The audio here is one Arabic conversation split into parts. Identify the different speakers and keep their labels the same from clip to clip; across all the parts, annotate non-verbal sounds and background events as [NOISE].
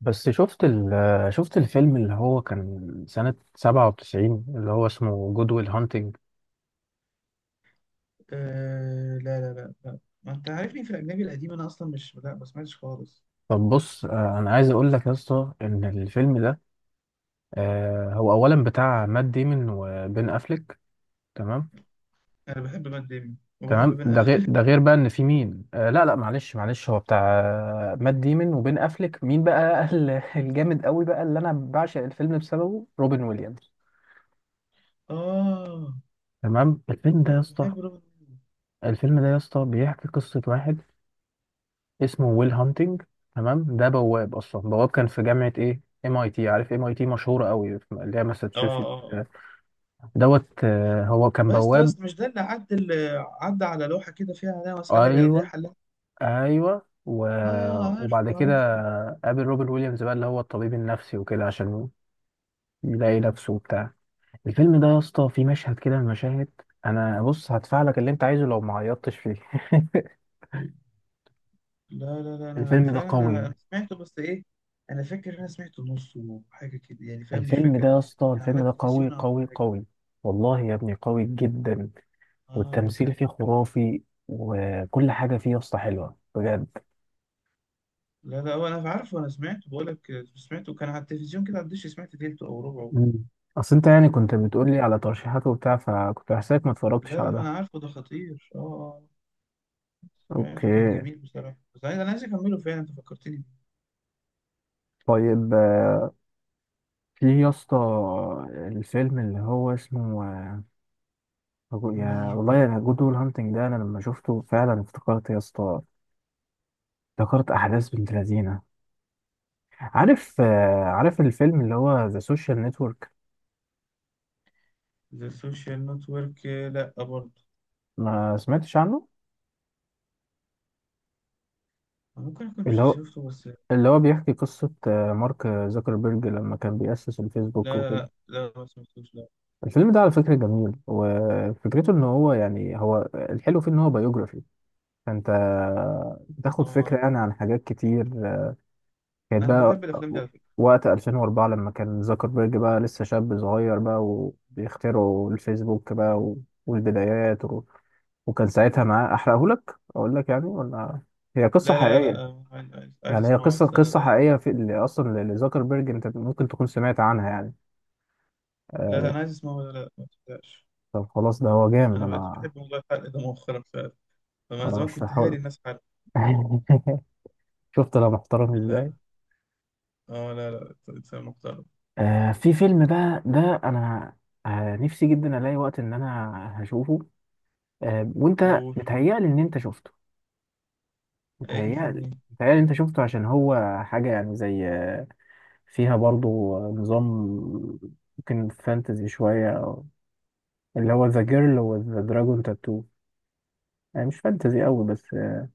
Speaker 1: بس شفت الفيلم اللي هو كان سنة 97 اللي هو اسمه جود ويل هانتنج.
Speaker 2: أه، لا لا لا لا، ما انت عارفني في الاجنبي القديم. انا اصلا مش لا ما سمعتش خالص.
Speaker 1: طب بص، أنا عايز أقول لك يا اسطى إن الفيلم ده، هو أولا بتاع مات ديمون وبين أفليك. تمام،
Speaker 2: انا بحب مات ديمي وبحب
Speaker 1: تمام.
Speaker 2: بن
Speaker 1: ده غير،
Speaker 2: اف.
Speaker 1: بقى إن في مين، لا لا، معلش معلش، هو بتاع، مات ديمون وبين أفليك، مين بقى ال- [LAUGHS] الجامد قوي بقى اللي أنا بعشق الفيلم بسببه، روبن ويليامز.
Speaker 2: اه،
Speaker 1: تمام.
Speaker 2: انا بحب روبن ويليامز.
Speaker 1: الفيلم ده يا اسطى بيحكي قصة واحد اسمه ويل هانتنج. تمام، ده بواب اصلا، بواب كان في جامعه ايه MIT، عارف MIT مشهوره قوي في- اللي هي
Speaker 2: اه
Speaker 1: ماساتشوست
Speaker 2: اه اه.
Speaker 1: دوت. هو كان
Speaker 2: بس
Speaker 1: بواب.
Speaker 2: بس مش ده اللي عدى على لوحه كده، عليها مساله لا يضيع
Speaker 1: ايوه،
Speaker 2: حلها.
Speaker 1: ايوه، و...
Speaker 2: اه، عارفه،
Speaker 1: وبعد كده
Speaker 2: عارفه.
Speaker 1: قابل روبن ويليامز بقى اللي هو الطبيب النفسي وكده عشان يلاقي نفسه وبتاع. الفيلم ده يا اسطى فيه مشهد كده من المشاهد، انا بص هدفع لك اللي انت عايزه لو ما عيطتش فيه [LAUGHS]
Speaker 2: لا لا لا، انا
Speaker 1: الفيلم ده
Speaker 2: فعلا
Speaker 1: قوي
Speaker 2: انا سمعته. بس ايه؟ انا فاكر إن انا سمعته نصه، حاجه كده يعني. فاهم؟ مش
Speaker 1: الفيلم ده
Speaker 2: فاكر.
Speaker 1: يا اسطى،
Speaker 2: كان على
Speaker 1: الفيلم ده قوي
Speaker 2: التلفزيون.
Speaker 1: قوي قوي. والله يا ابني قوي جدا،
Speaker 2: اه،
Speaker 1: والتمثيل فيه خرافي، وكل حاجة فيه يا اسطى حلوة بجد.
Speaker 2: لا لا، انا عارفه، انا سمعته، بقول لك سمعته كان على التلفزيون كده، على الدش، سمعت تلته او ربعه.
Speaker 1: مم. اصل انت يعني كنت بتقولي على ترشيحات وبتاع، فكنت حاسسك ما اتفرجتش
Speaker 2: لا لا،
Speaker 1: على
Speaker 2: ما
Speaker 1: ده.
Speaker 2: انا عارفه، ده خطير. اه. سمعته كان
Speaker 1: اوكي.
Speaker 2: جميل بصراحه. بس انا عايز اكمله فعلا، انت فكرتني بيه.
Speaker 1: طيب، في يا اسطى الفيلم اللي هو اسمه، يا
Speaker 2: مين؟
Speaker 1: والله انا جود ويل هانتنج ده انا لما شفته فعلا افتكرت يا اسطى، افتكرت احداث بنت لذينه. عارف، عارف الفيلم اللي هو ذا سوشيال نتورك؟
Speaker 2: ذا سوشيال نتورك؟ لا برضه.
Speaker 1: ما سمعتش عنه.
Speaker 2: أنا ممكن اكون
Speaker 1: اللي هو،
Speaker 2: شفته، بس لا
Speaker 1: اللي هو بيحكي قصة مارك زوكربيرج لما كان بيأسس الفيسبوك
Speaker 2: لا
Speaker 1: وكده.
Speaker 2: لا لا، ما سمعتوش، لا.
Speaker 1: الفيلم ده على فكرة جميل، وفكرته ان هو يعني هو الحلو فيه ان هو بايوجرافي، فانت بتاخد فكرة
Speaker 2: اه،
Speaker 1: يعني عن حاجات كتير كانت
Speaker 2: انا
Speaker 1: بقى
Speaker 2: بحب الافلام دي على فكره.
Speaker 1: وقت 2004 لما كان زوكربيرج بقى لسه شاب صغير بقى، وبيخترعوا الفيسبوك بقى، و- والبدايات، و... وكان ساعتها معاه احرقهولك اقول لك يعني ولا؟ هي قصة
Speaker 2: لا لا لا
Speaker 1: حقيقية،
Speaker 2: لا، عايز
Speaker 1: يعني هي
Speaker 2: اسمعه،
Speaker 1: قصة،
Speaker 2: بس انا
Speaker 1: قصة
Speaker 2: لا لا.
Speaker 1: حقيقية في اللي أصلا لزكربرج، أنت ممكن تكون سمعت عنها يعني.
Speaker 2: لا،
Speaker 1: آه،
Speaker 2: انا عايز اسمعه، لا لا، ما تصدقش.
Speaker 1: طب خلاص، ده هو جامد.
Speaker 2: انا بقيت
Speaker 1: أنا
Speaker 2: بحب والله الحلقه ده مؤخرا فعلا. فانا
Speaker 1: أنا
Speaker 2: زمان
Speaker 1: مش
Speaker 2: كنت هاري
Speaker 1: هحاول.
Speaker 2: الناس حلقه.
Speaker 1: [LAUGHS] شفت أنا محترم
Speaker 2: لا.
Speaker 1: إزاي؟
Speaker 2: اه، لا لا، اتس محترم.
Speaker 1: في فيلم بقى، ده أنا نفسي جدا ألاقي وقت إن أنا هشوفه. وأنت
Speaker 2: قول.
Speaker 1: بتهيألي إن أنت شفته،
Speaker 2: اي
Speaker 1: بتهيألي،
Speaker 2: فيلم؟
Speaker 1: أنت شفته، عشان هو حاجة يعني زي فيها برضو نظام، ممكن فانتزي شوية، اللي هو ذا جيرل وذ ذا دراجون تاتو. يعني مش فانتزي قوي، بس ما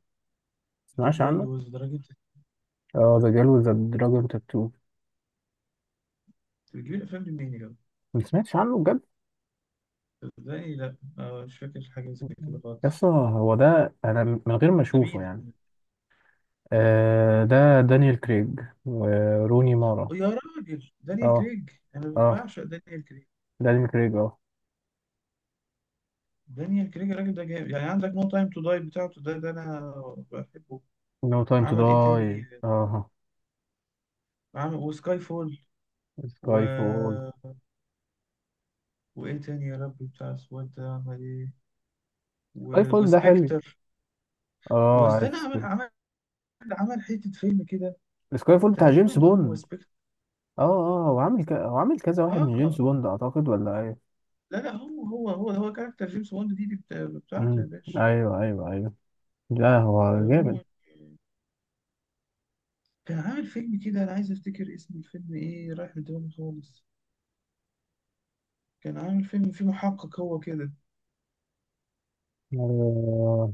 Speaker 2: ذا
Speaker 1: تسمعش
Speaker 2: جيرل
Speaker 1: عنه.
Speaker 2: وذ درجة؟
Speaker 1: اه، ذا جيل وذ دراجون تاتو.
Speaker 2: بتجيب الافلام دي منين يا جدع؟
Speaker 1: ما سمعتش عنه بجد.
Speaker 2: ازاي؟ لا، مش فاكر حاجة زي كده خالص.
Speaker 1: يس هو ده، انا من غير ما
Speaker 2: ده
Speaker 1: اشوفه
Speaker 2: مين؟
Speaker 1: يعني. آه، ده دانيال كريج وروني مارا.
Speaker 2: أو يا راجل، دانيال
Speaker 1: اه،
Speaker 2: كريج! انا
Speaker 1: اه،
Speaker 2: بعشق دانيال كريج.
Speaker 1: دانيال كريج، اه.
Speaker 2: دانيال كريج الراجل ده جامد. يعني عندك نو تايم تو داي بتاعته، ده انا بحبه.
Speaker 1: نو تايم تو
Speaker 2: عمل ايه
Speaker 1: داي،
Speaker 2: تاني؟
Speaker 1: اه.
Speaker 2: عمل وسكاي فول. و.
Speaker 1: سكاي فول.
Speaker 2: وايه تاني يا ربي؟ بتاع السواد ده عمل ايه؟
Speaker 1: سكاي فول ده حلو،
Speaker 2: وسبكتر.
Speaker 1: اه
Speaker 2: واستنى،
Speaker 1: عارف.
Speaker 2: عمل حتة فيلم كده.
Speaker 1: سكاي فول بتاع جيمس
Speaker 2: تقريبا هو
Speaker 1: بوند.
Speaker 2: سبكتر.
Speaker 1: اه، اه، وعامل ك... وعامل كذا واحد من
Speaker 2: اه،
Speaker 1: جيمس بوند اعتقد، ولا ايه؟
Speaker 2: لا لا، هو كاركتر جيمس بوند دي, بتاعته يا
Speaker 1: امم،
Speaker 2: باشا.
Speaker 1: ايوه ايوه ايوه، لا
Speaker 2: ده
Speaker 1: هو
Speaker 2: هو.
Speaker 1: جامد.
Speaker 2: كان عامل فيلم كده، انا عايز افتكر اسم الفيلم ايه، رايح من دماغي خالص. كان عامل فيلم فيه محقق هو كده.
Speaker 1: آه،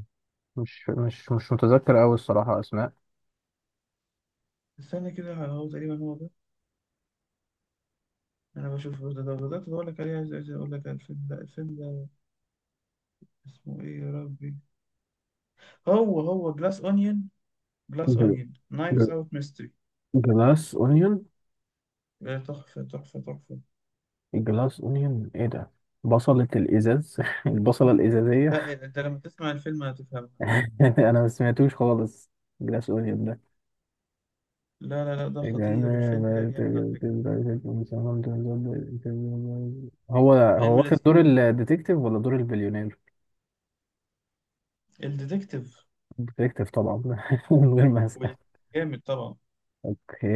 Speaker 1: مش متذكر أوي الصراحة أسماء.
Speaker 2: استنى كده، هو تقريبا هو ده. انا بشوف ده بدات اقول لك عليه. عايز اقول لك على الفيلم ده. اسمه ايه يا ربي؟ هو جلاس اونيون. جلاس
Speaker 1: جل-
Speaker 2: اونيون، نايفز
Speaker 1: جل-
Speaker 2: اوت ميستري.
Speaker 1: جلاس اونيون.
Speaker 2: تحفه، تحفه، تحفه!
Speaker 1: الجلاس اونيون ايه ده؟ بصلة الازاز [LAUGHS] البصلة الازازية.
Speaker 2: لا، انت لما تسمع الفيلم هتفهمها.
Speaker 1: [LAUGHS] انا ما سمعتوش خالص. جلاس اونيون ده،
Speaker 2: لا لا لا، ده خطير، الفيلم ده جامد على فكره.
Speaker 1: هو هو
Speaker 2: فيلم
Speaker 1: واخد
Speaker 2: لذيذ.
Speaker 1: دور الديتكتيف ولا دور البليونير؟
Speaker 2: الديتكتيف.
Speaker 1: الديتكتيف طبعا. [LAUGHS] من غير ما اسأل.
Speaker 2: جامد طبعا.
Speaker 1: اوكي،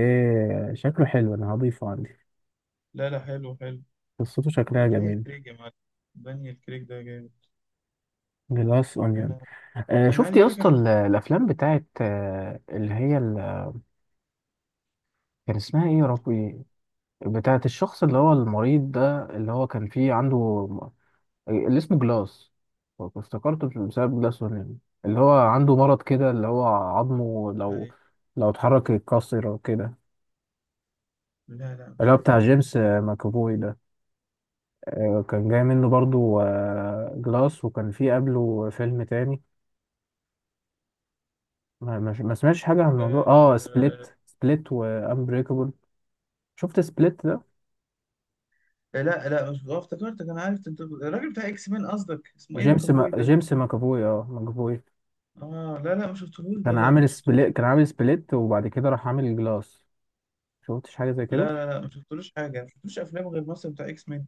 Speaker 1: شكله حلو، انا هضيفه عندي.
Speaker 2: لا لا، حلو حلو.
Speaker 1: قصته
Speaker 2: ده
Speaker 1: شكلها
Speaker 2: دانيال
Speaker 1: جميل.
Speaker 2: كريج يا معلم. دانيال كريج ده جامد.
Speaker 1: جلاس اونيون.
Speaker 2: انا. انا
Speaker 1: شفت
Speaker 2: عايز
Speaker 1: يا
Speaker 2: اقول لك، انا
Speaker 1: اسطى
Speaker 2: حقت
Speaker 1: ال- الافلام بتاعت اللي هي ال- كان اسمها ايه يا ربي، بتاعت الشخص اللي هو المريض ده اللي هو كان فيه عنده م- اللي اسمه جلاس. افتكرته بسبب جلاس ونين. اللي هو عنده مرض كده، اللي هو عظمه لو،
Speaker 2: عليه.
Speaker 1: لو اتحرك يتكسر او كده.
Speaker 2: لا لا،
Speaker 1: اللي
Speaker 2: مش
Speaker 1: هو
Speaker 2: عارف.
Speaker 1: بتاع جيمس ماكافوي ده. كان جاي منه برضو جلاس، وكان فيه قبله فيلم تاني، ما سمعتش حاجة عن الموضوع، اه،
Speaker 2: آه...
Speaker 1: سبليت. سبليت وانبريكابل. شفت سبليت؟
Speaker 2: لا لا، مش آه، افتكرتك، انا عارف انت الراجل بتاع اكس مان، قصدك اسمه ايه
Speaker 1: جيمس ما...
Speaker 2: ماكافوي ده؟
Speaker 1: جيمس ماكافوي، اه ماكافوي.
Speaker 2: اه، لا لا، ما شفتهوش ده،
Speaker 1: كان
Speaker 2: لا، ما
Speaker 1: عامل
Speaker 2: شفتهوش.
Speaker 1: سبليت، كان عامل سبليت وبعد كده راح عامل جلاس. شفتش حاجه زي كده؟
Speaker 2: لا لا لا، ما شفتلوش حاجه، ما شفتلوش افلام، غير مثلا بتاع اكس مان.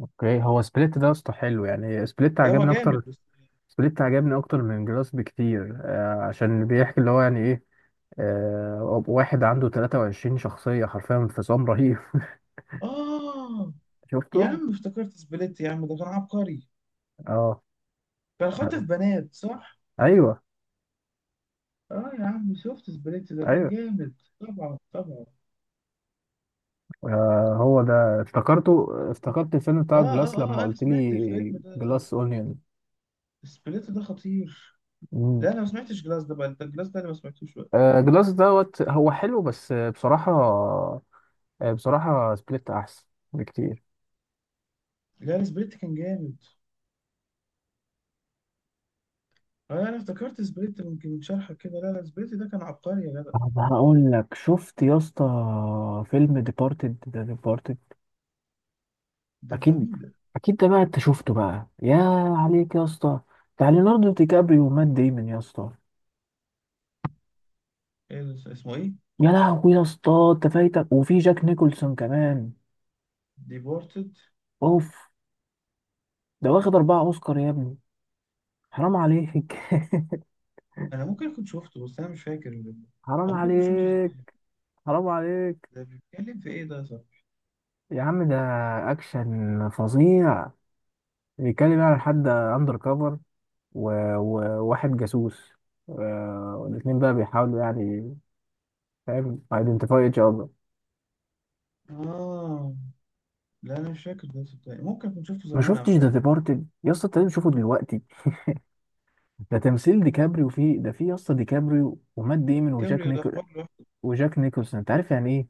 Speaker 1: اوكي. هو سبليت ده اصلا حلو، يعني سبليت
Speaker 2: لا، هو
Speaker 1: عجبني اكتر.
Speaker 2: جامد بس.
Speaker 1: سبليت عجبني اكتر من جلاس بكتير، آه، عشان بيحكي اللي هو يعني ايه، آه، واحد عنده 23 شخصيه، حرفيا انفصام رهيب. [LAUGHS]
Speaker 2: اه يا
Speaker 1: شفته؟
Speaker 2: عم، افتكرت سبليت يا عم، ده كان عبقري.
Speaker 1: اه،
Speaker 2: كان خاطف بنات، صح؟
Speaker 1: ايوه،
Speaker 2: اه يا عم، شفت سبليت ده كان
Speaker 1: ايوه.
Speaker 2: جامد. طبعا، طبعا.
Speaker 1: آه، هو ده، افتكرته، افتكرت الفيلم
Speaker 2: اه
Speaker 1: بتاع جلاس
Speaker 2: اه
Speaker 1: لما
Speaker 2: اه، انا
Speaker 1: قلت
Speaker 2: سمعت
Speaker 1: لي
Speaker 2: الفيلم ده.
Speaker 1: جلاس اونيون.
Speaker 2: سبليت ده خطير. لا انا ما سمعتش جلاس ده بقى، انت الجلاس ده انا ما سمعتوش بقى.
Speaker 1: جلاس دوت، هو حلو بس بصراحة، بصراحة سبليت أحسن بكتير.
Speaker 2: لا، سبليت كان جامد. اه، انا افتكرت سبليت ممكن شرحك كده، لا لا، سبليت ده كان عبقري يا جدع.
Speaker 1: طب هقول لك، شفت يا اسطى فيلم ديبارتد؟ ده ديبارتد
Speaker 2: ده بتاع
Speaker 1: اكيد،
Speaker 2: مين ده؟
Speaker 1: اكيد ده بقى انت شفته بقى، يا عليك يا اسطى، بتاع ليوناردو دي كابريو ومات ديمون يا اسطى.
Speaker 2: إيه؟ اللي اسمه ايه؟
Speaker 1: يا لهوي يا اسطى، انت فايتك؟ وفي جاك نيكولسون كمان.
Speaker 2: ديبورتد؟
Speaker 1: اوف. ده واخد اربعة اوسكار يا ابني، حرام عليك.
Speaker 2: انا ممكن كنت شفته، بس انا مش فاكر.
Speaker 1: [LAUGHS] حرام
Speaker 2: او ممكن كنت شفته
Speaker 1: عليك.
Speaker 2: زمان.
Speaker 1: حرام عليك.
Speaker 2: ده بيتكلم في ايه ده؟ صح؟
Speaker 1: يا عم ده اكشن فظيع. بيتكلم يعني عن حد اندر كفر وواحد جاسوس، والاتنين بقى بيحاولوا يعني، فاهم، ايدنتيفاي ايتش اذر.
Speaker 2: اه، لا انا مش فاكر ده صدقني، ممكن كنت شفته
Speaker 1: ما
Speaker 2: زمان او
Speaker 1: شفتش ذا
Speaker 2: حاجه.
Speaker 1: ديبارتد يا اسطى؟ انت لازم تشوفه دلوقتي. ده تمثيل ديكابريو فيه، ده فيه يا اسطى ديكابريو ومات ديمون وجاك
Speaker 2: كابريو ده
Speaker 1: نيكول،
Speaker 2: حوار لوحده.
Speaker 1: وجاك نيكولسون انت عارف يعني ايه.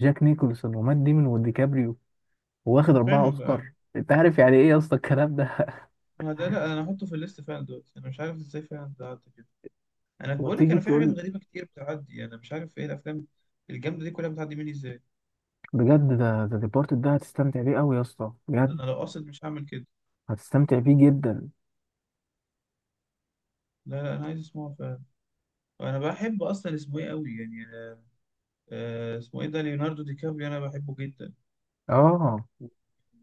Speaker 1: جاك نيكولسون ومات ديمون وديكابريو، واخد اربعة
Speaker 2: فاهم.
Speaker 1: اوسكار، انت عارف يعني ايه يا اسطى الكلام ده؟
Speaker 2: ما ده، لا انا هحطه في الليست فعلا دلوقتي. انا مش عارف ازاي فعلا ده عدى كده. انا
Speaker 1: [LAUGHS]
Speaker 2: بقول لك،
Speaker 1: وتيجي
Speaker 2: انا في حاجات
Speaker 1: تقول؟
Speaker 2: غريبه كتير بتعدي، انا مش عارف ايه الافلام الجامده دي كلها بتعدي مني ازاي.
Speaker 1: بجد ده، ذا ديبارتد ده هتستمتع بيه قوي يا اسطى،
Speaker 2: ده انا
Speaker 1: بجد
Speaker 2: لو قاصد مش هعمل كده.
Speaker 1: هتستمتع بيه جدا.
Speaker 2: لا لا، انا عايز اسمعه فعلا. انا بحب اصلا، اسمه ايه قوي يعني. اسمه ايه ده ليوناردو دي كابريو، انا بحبه جدا.
Speaker 1: اه.
Speaker 2: و-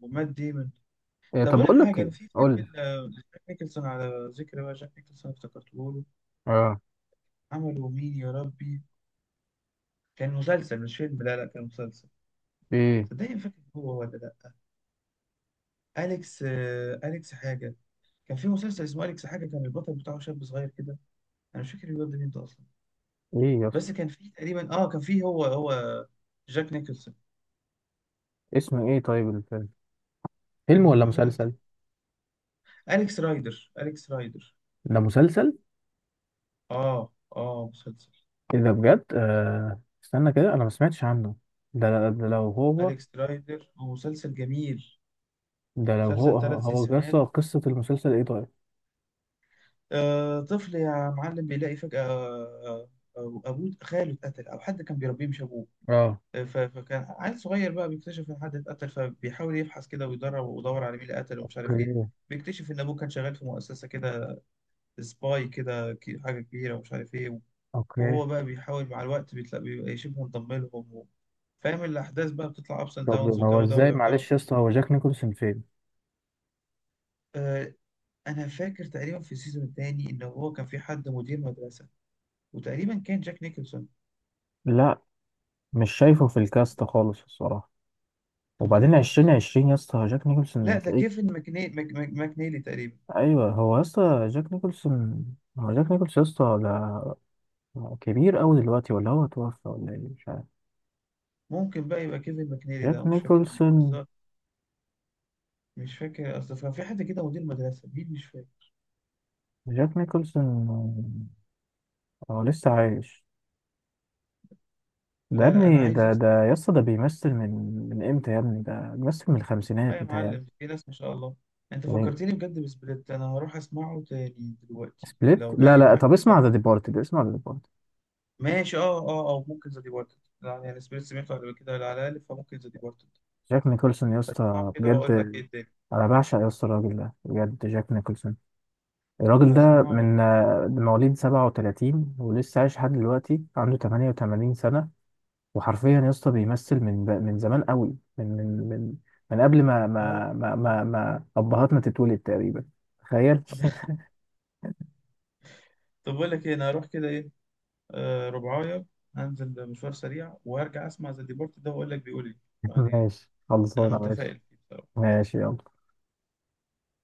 Speaker 2: ومات ديمون.
Speaker 1: إيه
Speaker 2: طب
Speaker 1: طب؟
Speaker 2: اقول لك
Speaker 1: بقول لك
Speaker 2: حاجه، انا
Speaker 1: ايه،
Speaker 2: في فيلم
Speaker 1: قول لي.
Speaker 2: لجاك نيكلسون. على ذكر بقى جاك نيكلسون، افتكرته له.
Speaker 1: اه،
Speaker 2: عمله مين يا ربي؟ كان مسلسل مش فيلم، لا لا، كان مسلسل.
Speaker 1: ايه،
Speaker 2: صدقني، ما فاكر هو ولا لا. أليكس أليكس حاجة. كان في مسلسل اسمه اليكس حاجه، كان البطل بتاعه شاب صغير كده. انا مش فاكر الواد ده مين ده اصلا.
Speaker 1: ايه يا
Speaker 2: بس
Speaker 1: اسطى؟
Speaker 2: كان في تقريبا، كان في، هو جاك نيكلسون.
Speaker 1: اسمه ايه طيب الفيلم؟ فيلم
Speaker 2: انا
Speaker 1: ولا
Speaker 2: بحاول افتكر.
Speaker 1: مسلسل؟
Speaker 2: اليكس رايدر، اليكس رايدر.
Speaker 1: ده مسلسل؟
Speaker 2: اه اه، مسلسل.
Speaker 1: ايه ده بجد! استنى كده، انا ما سمعتش عنه. ده، ده لو هو،
Speaker 2: اليكس رايدر هو مسلسل جميل.
Speaker 1: ده لو هو،
Speaker 2: مسلسل ثلاث
Speaker 1: هو يا اسطى
Speaker 2: سيزونات
Speaker 1: قصة المسلسل ايه طيب؟
Speaker 2: طفل يا معلم بيلاقي فجاه، ابوه، خاله اتقتل، او حد كان بيربيه مش ابوه.
Speaker 1: اه،
Speaker 2: فكان عيل صغير بقى بيكتشف ان حد اتقتل، فبيحاول يبحث كده ويدرب ويدور على مين اللي قتله ومش عارف ايه.
Speaker 1: اوكي.
Speaker 2: بيكتشف ان ابوه كان شغال في مؤسسه كده. سباي كده، حاجه كبيره، ومش عارف ايه.
Speaker 1: اوكي.
Speaker 2: وهو بقى بيحاول مع الوقت، بيتلاقي بيبقى شبه انضم لهم فاهم؟ الاحداث بقى بتطلع ابس اند
Speaker 1: طب
Speaker 2: داونز
Speaker 1: هو
Speaker 2: والجو ده،
Speaker 1: ازاي
Speaker 2: ويعتبر.
Speaker 1: معلش يا اسطى، هو جاك نيكولسون فين؟
Speaker 2: آه انا فاكر تقريبا في السيزون الثاني، ان هو كان في حد مدير مدرسه. وتقريبا كان جاك نيكلسون.
Speaker 1: لا، مش شايفه في الكاست خالص الصراحة.
Speaker 2: انت
Speaker 1: وبعدين
Speaker 2: متاكد؟
Speaker 1: عشرين عشرين يا اسطى جاك
Speaker 2: لا،
Speaker 1: نيكولسون
Speaker 2: ده
Speaker 1: تلاقيه؟
Speaker 2: كيفن ماكنيلي تقريبا.
Speaker 1: ايوه هو يا اسطى جاك نيكولسون. هو جاك نيكولسون يا اسطى ده، هو كبير أوي دلوقتي ولا هو توفى ولا إيه؟ مش عارف.
Speaker 2: ممكن بقى يبقى كيفن ماكنيلي
Speaker 1: جاك
Speaker 2: ده، مش فاكر مين
Speaker 1: نيكولسون.
Speaker 2: بس. مش فاكر، اصل كان في حد كده مدير مدرسه مين، مش فاكر.
Speaker 1: جاك نيكولسون، هو لسه عايش. ده يا
Speaker 2: لا لا، انا
Speaker 1: ابني،
Speaker 2: عايز
Speaker 1: ده ده
Speaker 2: اسمع.
Speaker 1: يا اسطى ده بيمثل من، من امتى يا ابني ده بيمثل؟ من
Speaker 2: اه
Speaker 1: الخمسينات
Speaker 2: يا
Speaker 1: متهيألي،
Speaker 2: معلم، في ناس ما شاء الله. انت
Speaker 1: يعني.
Speaker 2: فكرتني بجد بسبليت، انا هروح اسمعه تاني دلوقتي،
Speaker 1: سبليت؟
Speaker 2: لو
Speaker 1: لا
Speaker 2: جاي
Speaker 1: لا،
Speaker 2: معاك
Speaker 1: طب
Speaker 2: يلا.
Speaker 1: اسمع ذا ديبارتد، اسمع ذا ديبارتد.
Speaker 2: ماشي، اه اه، او ممكن ذا ديبارتد، لا يعني سبليت سمعته قبل كده على الاقل، فممكن ذا ديبارتد.
Speaker 1: جاك نيكولسون يا
Speaker 2: هسمعه
Speaker 1: اسطى
Speaker 2: كده
Speaker 1: بجد.
Speaker 2: واقول لك ايه الدنيا.
Speaker 1: انا بعشق يا اسطى الراجل ده بجد، جاك نيكولسون. الراجل ده
Speaker 2: هسمعه.
Speaker 1: من مواليد 37 ولسه عايش لحد دلوقتي، عنده 88 سنة، وحرفيا يا اسطى بيمثل من ب- من زمان قوي، من من قبل ما
Speaker 2: اه
Speaker 1: ما ما ما,
Speaker 2: اه.
Speaker 1: ما ابهاتنا تتولد تقريبا. تخيل.
Speaker 2: [LAUGHS] طب بقول لك ايه، انا هروح كده ايه. ربعايه. هنزل مشوار سريع وهرجع اسمع ذا ديبارتد ده، واقول لك بيقول ايه.
Speaker 1: [LAUGHS]
Speaker 2: يعني.
Speaker 1: ماشي،
Speaker 2: انا
Speaker 1: خلصانه ماشي.
Speaker 2: متفائل فيه بصراحة.
Speaker 1: ماشي يلا.